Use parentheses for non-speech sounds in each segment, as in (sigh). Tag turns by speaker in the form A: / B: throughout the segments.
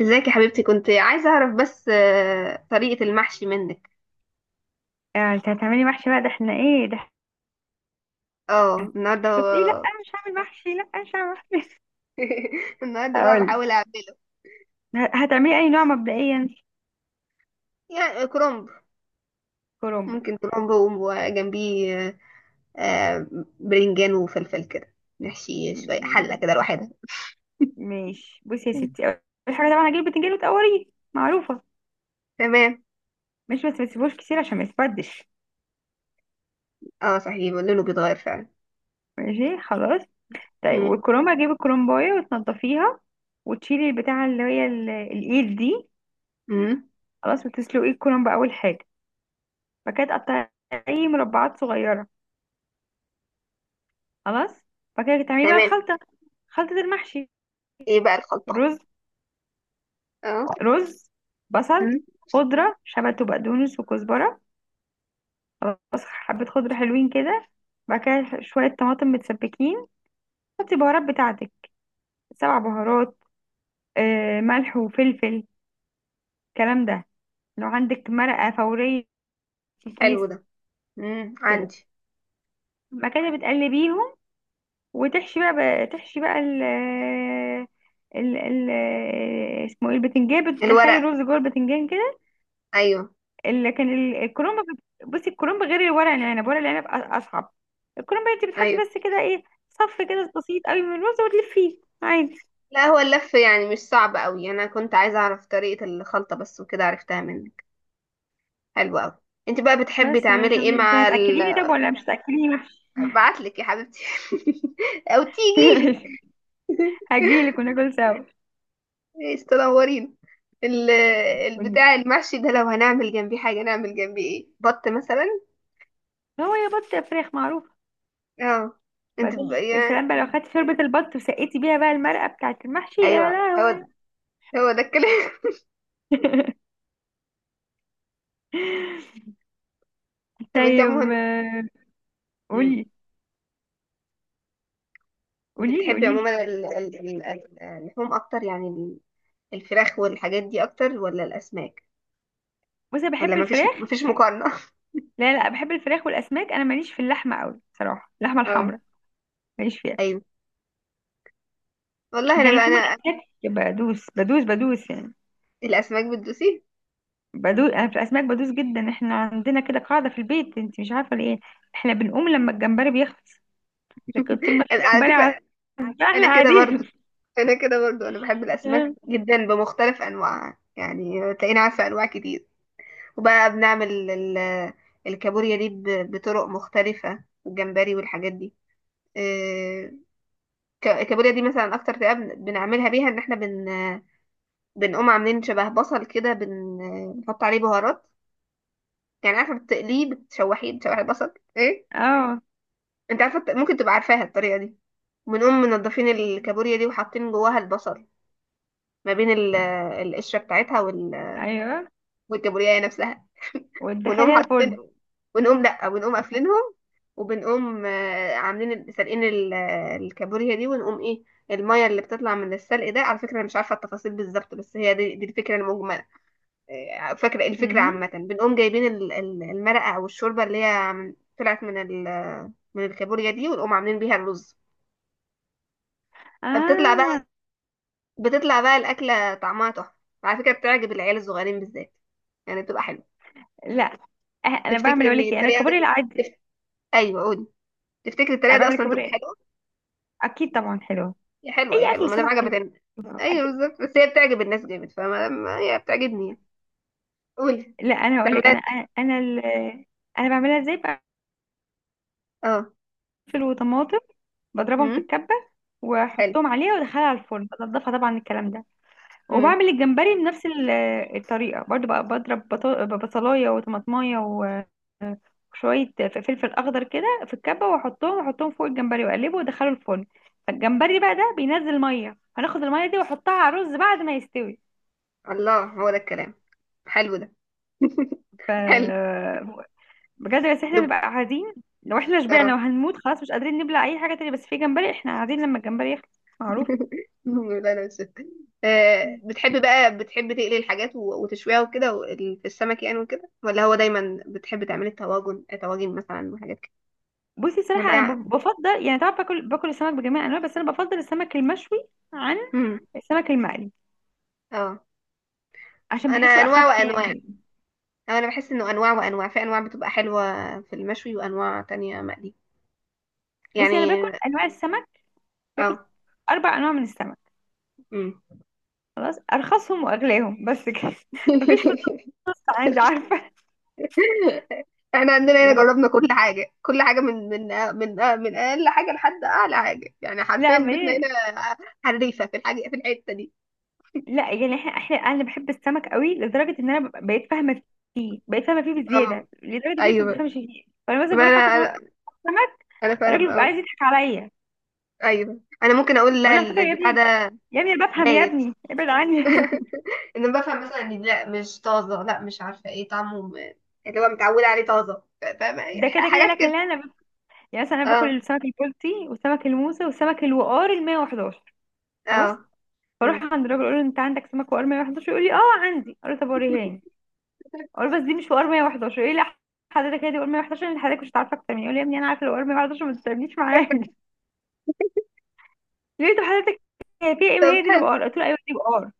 A: ازيك يا حبيبتي، كنت عايزة اعرف بس طريقة المحشي منك.
B: انت هتعملي محشي بقى ده احنا ايه ده؟
A: اه،
B: قلت ايه؟ لا
A: النهاردة.
B: انا مش هعمل محشي، لا انا مش هعمل محشي.
A: (laughs)
B: (laughs)
A: النهاردة بقى
B: هقولك.
A: بحاول اعمله.
B: هتعملي اي نوع مبدئيا؟
A: يعني كرنب.
B: كرنب.
A: ممكن كرنب وجنبيه آه، برنجان وفلفل كده. نحشي شوية حلة
B: م-
A: كده لوحدها.
B: ماشي، بصي يا
A: مم.
B: ستي، اول حاجه طبعا هجيب البتنجان وتقوريه، معروفه،
A: تمام.
B: مش بس ما تسيبوش كتير عشان ما يتبدش.
A: اه، صحيح لونه بيتغير فعلا.
B: ماشي، خلاص. طيب،
A: مم.
B: والكرنب هجيب الكرنبايه وتنضفيها وتشيلي البتاعه اللي هي الايد دي،
A: مم.
B: خلاص، وتسلقي الكرنب اول حاجه. بعد كده تقطعي مربعات صغيره، خلاص. بعد كده تعملي بقى
A: تمام.
B: الخلطه، خلطه المحشي:
A: ايه بقى الخلطة؟
B: رز،
A: اه.
B: رز، بصل،
A: مم.
B: خضرة شبت وبقدونس وكزبرة، خلاص، حبة خضرة حلوين كده. بعد كده شوية طماطم متسبكين، حطي بهارات بتاعتك، سبع بهارات، ملح وفلفل، الكلام ده. لو عندك مرقة فورية في
A: حلو
B: كيس
A: ده.
B: كده،
A: عندي.
B: بعد كده بتقلبيهم وتحشي بقى، تحشي بقى ال اسمه ايه، البتنجان، بتدخلي
A: الورق.
B: الرز جوه البتنجان كده.
A: ايوه.
B: لكن الكرنب، بصي، الكرنب غير الورق العنب، ورق العنب اصعب. الكرنب انت بتحطي
A: ايوه.
B: بس كده ايه، صف كده بسيط قوي من الرز وتلفيه عادي.
A: لا، هو اللف يعني مش صعب قوي، انا كنت عايزه اعرف طريقه الخلطه بس، وكده عرفتها منك. حلو قوي. انت بقى بتحبي
B: بس.
A: تعملي
B: طب
A: ايه
B: انت
A: مع ال؟
B: هتاكليني طب ولا مش هتاكليني وحش؟
A: (laughs) ابعتلك يا حبيبتي (laughs) او تيجي لي.
B: (laughs) هجيلك وناكل سوا.
A: ايش تنورين. ال- (laughs)
B: قولي.
A: البتاع المحشي ده لو هنعمل جنبيه حاجه، نعمل جنبيه ايه؟ بط مثلا؟
B: هو يا بط يا فراخ معروف.
A: اه. انت ب...
B: بعدين يا
A: يا...
B: سلام بقى لو خدت شوربة البط وسقيتي بيها بقى المرقة بتاعت المحشي، يا
A: ايوه، هو
B: لهوي.
A: ده، هو ده الكلام.
B: (laughs)
A: (laughs) طب انت
B: طيب،
A: عموما. مم.
B: قولي،
A: انت
B: قوليلي
A: بتحبي
B: قوليلي.
A: عموما اللحوم اكتر، يعني الفراخ والحاجات دي اكتر، ولا الاسماك؟
B: بصي، أنا
A: ولا
B: بحب
A: مفيش
B: الفراخ.
A: مفيش مقارنة؟ (laughs)
B: لا لا، بحب الفراخ والاسماك، انا ماليش في اللحمه قوي بصراحه، اللحمه
A: اه.
B: الحمراء ماليش فيها.
A: ايوه. والله
B: لكن
A: انا بقى
B: لحوم
A: انا.
B: الاسماك بدوس بدوس بدوس يعني،
A: الاسماك بتدوسي؟
B: بدوس، انا في الاسماك بدوس جدا. احنا عندنا كده قاعده في البيت انت مش عارفه ليه، احنا بنقوم لما الجمبري بيخلص، لكن طول ما
A: (laughs)
B: في
A: انا على
B: جمبري
A: فكرة،
B: احنا
A: انا كده
B: قاعدين.
A: برضو، انا كده برضو، انا بحب الاسماك
B: (laughs)
A: جدا بمختلف انواعها، يعني تلاقيني عارفة انواع كتير. وبقى بنعمل الكابوريا دي بطرق مختلفة، والجمبري والحاجات دي. آه، الكابوريا دي مثلا اكتر طريقة بنعملها بيها ان احنا بنقوم عاملين شبه بصل كده، بنحط عليه بهارات، يعني عارفة بتقليه، بتشوحيه، بتشوحي البصل ايه.
B: اه،
A: انت عارفه ممكن تبقى عارفاها الطريقه دي. بنقوم منضفين الكابوريا دي وحاطين جواها البصل، ما بين القشره بتاعتها
B: ايوه.
A: والكابوريا نفسها. ونقوم
B: وتدخليها
A: حاطين،
B: الفرن.
A: ونقوم لا، ونقوم قافلينهم. وبنقوم عاملين سالقين الكابوريا دي، ونقوم ايه، الميه اللي بتطلع من السلق ده. على فكره انا مش عارفه التفاصيل بالظبط، بس هي دي الفكره المجمله. فاكره إيه الفكره
B: مم.
A: عامه. بنقوم جايبين المرقه او الشوربه اللي هي طلعت من الكابوريا دي، ونقوم عاملين بيها الرز. فبتطلع بقى
B: اه،
A: بتطلع بقى الأكلة طعمها تحفة. على فكرة بتعجب العيال الصغيرين بالذات، يعني بتبقى حلوة.
B: لا. انا
A: تفتكر
B: بعمل، اقول
A: ان
B: لك ايه، انا
A: الطريقة
B: كابوريا
A: دي
B: العادي،
A: تف... ايوه، قولي. تفتكر الطريقة
B: انا
A: دي
B: بعمل
A: اصلا تبقى
B: كابوريا،
A: حلوة؟
B: اكيد طبعا حلوه،
A: يا حلوة يا
B: اي
A: حلوة،
B: اكل
A: ما دام
B: سمك
A: عجبت
B: حلو،
A: الناس. ايوه
B: اكيد.
A: بالظبط، بس هي بتعجب الناس جامد، فما هي بتعجبني يعني. قولي.
B: لا انا هقول
A: تعملها
B: لك، انا
A: ازاي؟
B: انا انا انا بعملها ازاي، بقفل
A: اه.
B: وطماطم، بضربهم في
A: امم.
B: الكبه
A: حلو.
B: واحطهم عليها وادخلها على الفرن، بنضفها طبعا الكلام ده.
A: امم.
B: وبعمل الجمبري بنفس الطريقه برضو بقى، بضرب بصلايه وطماطمايه وشويه فلفل اخضر كده في الكبه واحطهم، واحطهم فوق الجمبري واقلبه وادخله الفرن. فالجمبري بقى ده بينزل ميه، هناخد الميه دي واحطها على الرز بعد ما يستوي.
A: الله، هو ده الكلام. حلو ده.
B: ف...
A: حلو.
B: بجد. بس احنا
A: دب.
B: نبقى قاعدين، لو احنا
A: اه.
B: شبعنا وهنموت خلاص مش قادرين نبلع اي حاجه تانية، بس في جمبري احنا قاعدين لما الجمبري يخلص، معروف.
A: (laughs) لا، لا، مش. بتحب بقى، بتحب تقلي الحاجات وتشويها وكده في السمك، يعني وكده، ولا هو دايما بتحب تعملي الطواجن، طواجن مثلا وحاجات كده؟
B: بصي صراحه
A: ولا
B: انا بفضل يعني، طبعا باكل، باكل السمك بجميع انواعه، بس انا بفضل السمك المشوي عن
A: مم.
B: السمك المقلي،
A: اه،
B: عشان
A: انا
B: بحسه
A: انواع
B: اخف يعني
A: وانواع.
B: كده.
A: أو انا بحس انه انواع وانواع، في انواع بتبقى حلوة في المشوي، وانواع تانية مقلي
B: بصي، انا
A: يعني.
B: باكل انواع السمك،
A: اه.
B: باكل 4 انواع من السمك،
A: مم.
B: خلاص، ارخصهم واغلاهم بس كده. (laughs) مفيش
A: (laughs)
B: فلوس عندي، عارفه.
A: احنا عندنا هنا
B: يعني
A: جربنا كل حاجة كل حاجة، من اقل حاجة لحد اعلى حاجة، يعني حرفيا
B: لا ما
A: بيتنا
B: هي،
A: هنا حريفة في الحاجة في الحتة دي.
B: لا يعني احنا احنا، انا بحب السمك قوي لدرجه ان انا بقيت فاهمه فيه، بقيت فاهمه فيه
A: اه،
B: بزياده، لدرجه ان انت ما
A: ايوه،
B: بتفهمش فيه. فانا مثلا
A: ما
B: بروح اكل
A: انا
B: في مطعم
A: انا
B: سمك،
A: أنا
B: الراجل
A: فاهمه.
B: بيبقى عايز
A: اه.
B: يضحك عليا،
A: ايوه، انا ممكن اقول
B: اقول
A: لا
B: له على فكره يا
A: البتاع
B: ابني،
A: ده
B: يا ابني انا بفهم، يا
A: بايت.
B: ابني ابعد
A: (laughs)
B: عني.
A: ان أنا بفهم مثلا ان لا مش طازه، لا مش عارفه ايه طعمه اللي هو متعوده عليه طازه، فاهمه
B: (laughs)
A: إيه؟
B: ده كده كده.
A: حاجات
B: لكن
A: كده.
B: لا انا يعني مثلا انا باكل
A: اه.
B: السمك البلطي والسمك الموسى والسمك الوقار ال 111، خلاص.
A: اه.
B: فاروح
A: مم.
B: عند الراجل اقول له انت عندك سمك وقار 111، يقول لي اه عندي، اقول له طب وريهاني. اقول له بس دي مش وقار 111، يقول لي لا حضرتك هي دي وقار 111، اللي حضرتك مش هتعرف اكتر مني. يقول لي يا ابني انا عارفه الوقار 111، ما تستنيش معايا، لقيته حضرتك هي في ام
A: طب
B: هي دي اللي
A: حلو.
B: بقار، قلت له ايوه دي بقار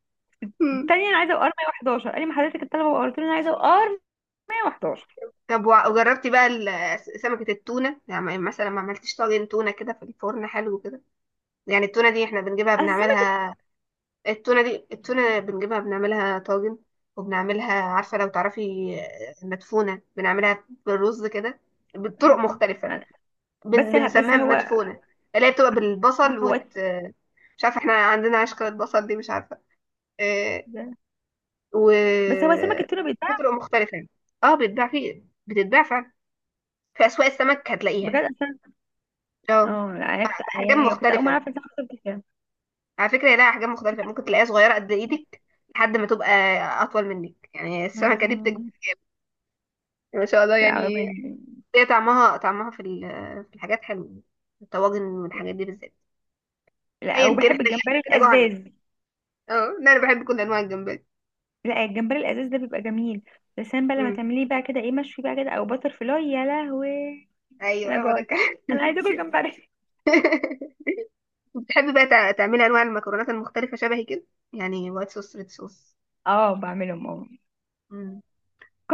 A: مم.
B: التانية، انا عايزه بقار 111، قال لي ما حضرتك الطلبه بقار، قلت له انا عايزه بقار 111.
A: طب وجربتي بقى سمكه التونه، يعني مثلا ما عملتيش طاجن تونه كده في الفرن حلو كده؟ يعني التونه دي احنا بنجيبها
B: اصل السمك
A: بنعملها. التونة دي، التونة بنجيبها بنعملها طاجن، وبنعملها عارفة لو تعرفي مدفونة، بنعملها بالرز كده بطرق
B: مدفون.
A: مختلفة.
B: بس
A: بنسميها
B: هو
A: مدفونة، اللي هي بتبقى بالبصل
B: هو
A: وت... آه، مش عارفة، احنا عندنا عشقة البصل دي مش عارفة. آه، و
B: بس هو سمك التونه
A: في
B: بيتباع
A: طرق مختلفة يعني. اه، بتتباع، في بتتباع فعلا، في أسواق السمك هتلاقيها.
B: بجد اصلا.
A: اه،
B: اه لا انا كنت
A: أحجام
B: يعني، كنت اول ما
A: مختلفة.
B: اعرف ان سمك التونة بيتباع،
A: على فكرة لها أحجام مختلفة، ممكن تلاقيها صغيرة قد إيدك لحد ما تبقى أطول منك، يعني السمكة دي بتكبر،
B: آه.
A: ما شاء الله
B: لا
A: يعني.
B: ما-
A: هي طعمها في الحاجات حلو، الطواجن والحاجات دي بالذات.
B: لا،
A: ايا كان،
B: وبحب
A: احنا
B: الجمبري
A: كده جوعنا.
B: الازاز.
A: اه. لا، انا بحب كل انواع الجمبري.
B: لا الجمبري الازاز ده بيبقى جميل، بس انا بقى لما
A: امم.
B: تعمليه بقى كده ايه مشوي بقى كده او بتر فلاي، يا لهوي. انا
A: ايوه، هو ده
B: جوعت،
A: كان.
B: انا عايزه اكل جمبري.
A: (laughs) بتحبي بقى تعملي انواع المكرونات المختلفه شبهي كده، يعني وايت صوص، ريد صوص.
B: (laughs) اه بعملهم اه،
A: امم.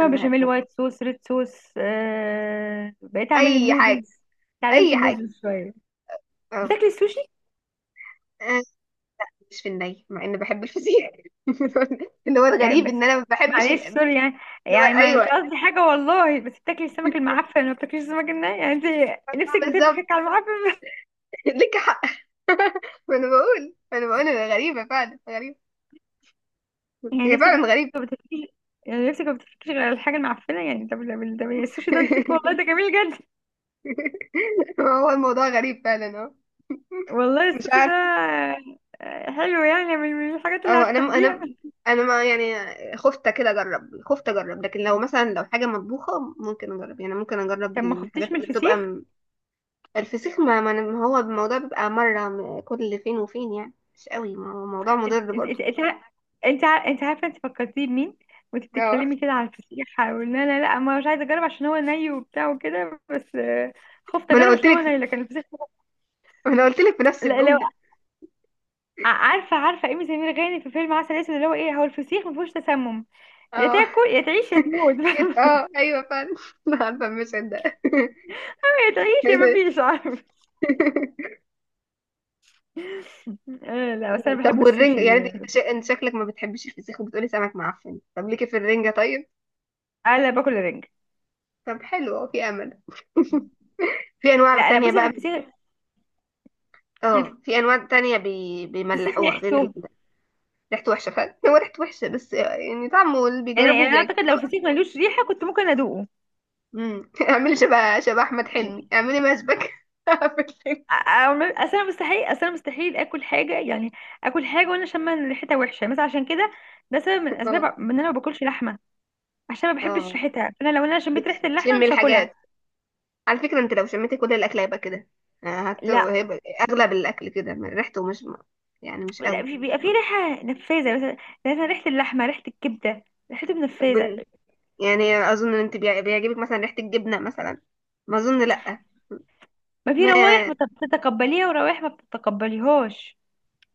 A: انا
B: بشاميل
A: بحبهم.
B: وايت صوص ريد صوص، بقيت اعمل
A: اي حاجه.
B: النودلز، اتعلمت
A: اي حاجه.
B: النودلز شويه.
A: اه.
B: بتاكلي السوشي؟
A: آه، مش في الني، مع اني بحب الفسيخ. (laughs) اللي هو
B: يعني
A: الغريب ان
B: بس
A: انا ما بحبش
B: معلش سوري
A: اللي
B: يعني،
A: هو.
B: يعني ما مش
A: ايوه
B: قصدي حاجه والله، بس بتاكلي السمك المعفن ما بتاكليش السمك الني يعني؟ انت نفسك
A: بالظبط.
B: بتفكك على المعفن.
A: (laughs) لك حق. ما انا بقول انا غريبة، فعلا غريبة.
B: (laughs) يعني
A: هي
B: نفسك
A: فعلا غريبة.
B: ما بتفكيش، يعني نفسك ما بتفكيش غير الحاجه المعفنه يعني؟ طب طب طب، السوشي ده نضيف والله،
A: (laughs)
B: ده جميل جدا،
A: هو الموضوع غريب فعلا. اه.
B: والله
A: مش
B: السوشي ده
A: عارفة.
B: حلو، يعني من من الحاجات اللي
A: اه، انا
B: هتحبيها.
A: انا انا ما يعني خفت كده اجرب، خفت اجرب، لكن لو مثلا لو حاجة مطبوخة ممكن اجرب، يعني ممكن اجرب
B: طب ما
A: الحاجات
B: خفتيش من
A: اللي بتبقى
B: الفسيخ؟
A: م. الفسيخ، ما ما هو الموضوع بيبقى مرة كل فين وفين، يعني مش قوي، ما هو موضوع
B: انت
A: مضر
B: انت
A: برضه.
B: انت انت انت عارفه انت فكرتيه بمين وانت
A: اه.
B: بتتكلمي كده على الفسيخ؟ وان انا لا ما مش عايزه اجرب عشان هو ني وبتاع وكده، بس خفت
A: ما انا
B: اجرب
A: قلت
B: عشان هو ني،
A: لك
B: لكن الفسيخ
A: ما انا قلت لك في نفس
B: لا. لو
A: الجملة.
B: عارفه، عارفه ايمي سمير غانم في فيلم عسل اسود اللي هو ايه، هو الفسيخ ما فيهوش تسمم، يا
A: اه.
B: تاكل يا تعيش يا تموت.
A: اه، ايوه فعلا. (laughs) انا عارفة المشهد ده.
B: (laughs) يا تعيش يا ما فيش،
A: (laughs)
B: عارف. لا بس انا
A: طب
B: بحب
A: والرنجة، يعني
B: السوشي،
A: انت انت شا- انت شكلك ما بتحبيش الفسيخ وبتقولي سمك معفن، طب ليكي في الرنجة طيب؟
B: انا باكل رنج.
A: طب حلو، اه، في امل. (laughs) في انواع
B: لا لا
A: تانية
B: بصي،
A: بقى.
B: الفسيخ،
A: اه، في انواع تانية
B: الفسيخ
A: بيملحوها غير
B: ريحته،
A: ريحته وحشة فعلا. (laughs) هو ريحته وحشة، بس يعني طعمه اللي
B: يعني يعني
A: بيجربه
B: انا
A: بيعجبه
B: اعتقد لو
A: خلاص.
B: الفسيخ ملوش ريحه كنت ممكن ادوقه.
A: امم. (laughs) اعملي شبه احمد حلمي، اعملي مشبك (laughs) في الفيلم.
B: اصل انا مستحيل، اصل انا مستحيل اكل حاجه يعني، اكل حاجه وانا شامه إن ريحتها وحشه مثلا، عشان كده ده سبب من اسباب
A: اه.
B: ان انا ما باكلش لحمه، عشان ما بحبش
A: اه.
B: ريحتها. انا لو انا شميت ريحه اللحمه
A: بتشمي
B: مش هاكلها.
A: الحاجة. على فكرة انت لو شميت كل الاكل هيبقى كده،
B: لا
A: هيبقى اغلب الاكل كده، ريحته مش يعني مش
B: لا،
A: قوي.
B: في بيبقى في ريحه نفاذه مثلا، يعني مثلا ريحه اللحمه، ريحه الكبده، ريحته
A: طب
B: نفاذه.
A: يعني اظن ان انت بيعجبك مثلا ريحة الجبنة مثلا. ما اظن لا.
B: ما في روايح
A: ما.
B: ما بتتقبليها وروائح ما بتتقبليهاش،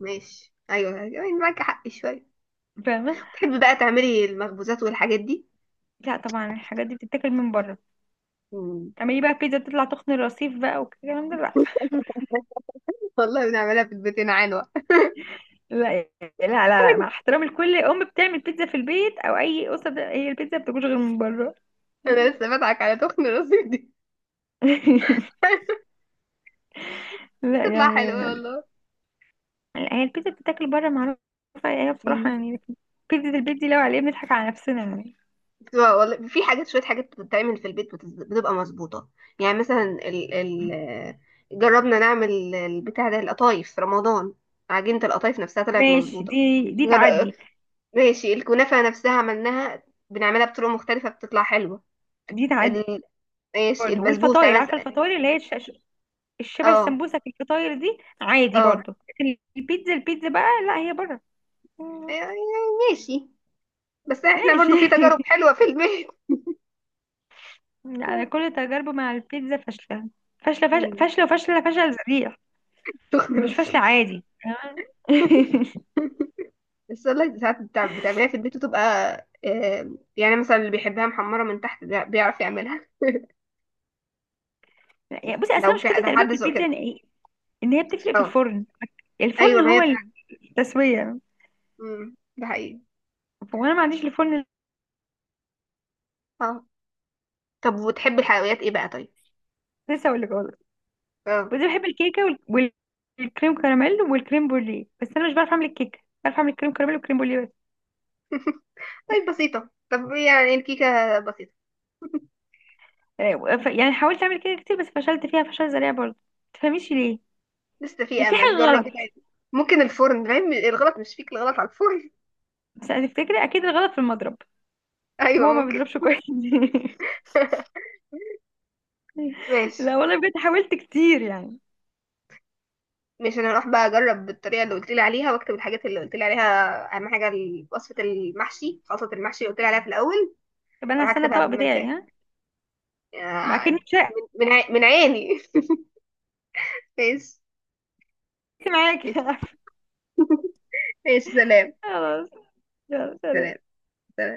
A: ماشي، ايوه، أيوة، يعني معاك حق شوية.
B: فاهمه.
A: تحبي بقى تعملي المخبوزات والحاجات دي.
B: لا طبعا الحاجات دي بتتاكل من بره،
A: مم.
B: تعملي بقى بيتزا تطلع تخن الرصيف بقى والكلام ده؟ لا
A: والله بنعملها في البيت هنا عنوة.
B: لا لا لا لا، مع احترامي لكل ام بتعمل بيتزا في البيت او اي اسره هي البيتزا ما بتاكلش غير من بره.
A: انا لسه بضحك على تخن راسي دي.
B: (laughs)
A: (laughs)
B: لا
A: تطلع
B: يعني،
A: حلوة والله.
B: لا، هي البيتزا بتتاكل بره معروفه، يعني هي بصراحه
A: مم.
B: يعني بيتزا البيت دي لو عليها بنضحك على نفسنا يعني.
A: بتبقى والله، في حاجات شوية، حاجات بتتعمل في البيت بتبقى مظبوطة، يعني مثلا ال ال جربنا نعمل البتاع ده، القطايف في رمضان، عجينة القطايف نفسها طلعت
B: ماشي،
A: مظبوطة.
B: دي
A: جر...
B: تعدي،
A: ماشي، الكنافة نفسها عملناها، بنعملها بطرق مختلفة بتطلع حلوة.
B: دي تعدي.
A: ال... ماشي،
B: برضه
A: البسبوسة
B: والفطاير، عارفه
A: مثلا.
B: الفطاير اللي هي الشبه
A: اه.
B: السمبوسه، في الفطاير دي عادي
A: اه.
B: برضه. لكن البيتزا، البيتزا بقى لا، هي بره.
A: يعني ماشي. بس احنا
B: ماشي.
A: برضو في تجارب
B: (laughs)
A: حلوة في البيت.
B: انا
A: (laughs)
B: كل تجاربي مع البيتزا فاشله، فاشله،
A: مم.
B: فاشله وفاشله فشل ذريع،
A: شكرا
B: مش فاشله
A: لطيف.
B: عادي، تمام.
A: (laughs)
B: (laughs)
A: السلة ساعات بتعمليها في البيت وتبقى، يعني مثلا اللي بيحبها محمرة من تحت ده بيعرف يعملها.
B: يعني بصي اصل أنا
A: لو في،
B: مشكلتي
A: لو
B: تقريبا
A: حد
B: في
A: ذوق
B: البيتزا
A: كده.
B: ان إيه؟ إن هي بتفرق في
A: اه،
B: الفرن، الفرن
A: ايوه ما
B: هو
A: هي فعلا.
B: التسويه،
A: امم، ده حقيقي.
B: وانا ما عنديش الفرن.
A: اه، طب وتحبي الحلويات ايه بقى طيب؟
B: لسه اقول لك خالص،
A: اه.
B: بس بحب الكيكه وال- وال- والكريم كراميل والكريم بوليه، بس انا مش بعرف اعمل الكيكه، بعرف اعمل الكريم كراميل والكريم بوليه بس.
A: (laughs) طيب بسيطة، طب يعني الكيكة بسيطة.
B: يعني حاولت اعمل كيكه كتير بس فشلت فيها فشل ذريع برضه، ما تفهميش ليه،
A: لسه في
B: في
A: امل،
B: حاجه
A: جربي
B: غلط.
A: تاني. ممكن الفرن، فاهم الغلط مش فيك، الغلط على الفرن.
B: بس هتفتكري اكيد الغلط في المضرب،
A: (laughs) ايوه
B: هو ما
A: ممكن.
B: بيضربش كويس. (laughs)
A: ماشي.
B: لا والله بجد حاولت كتير يعني.
A: مش، انا هروح بقى اجرب بالطريقه اللي قلت لي عليها، واكتب الحاجات اللي قلت لي عليها، اهم حاجه وصفه المحشي، خلطه المحشي اللي قلت لي عليها في الاول.
B: طب انا
A: اروح
B: هستنى
A: اكتبها
B: الطبق
A: قبل ما
B: بتاعي،
A: انساها.
B: ها، ما اكني
A: من، من عيني. (laughs) ماشي،
B: مش معاكي. (laughs)
A: ماشي،
B: خلاص،
A: ماشي، سلام،
B: يلا
A: سلام،
B: سلام.
A: سلام.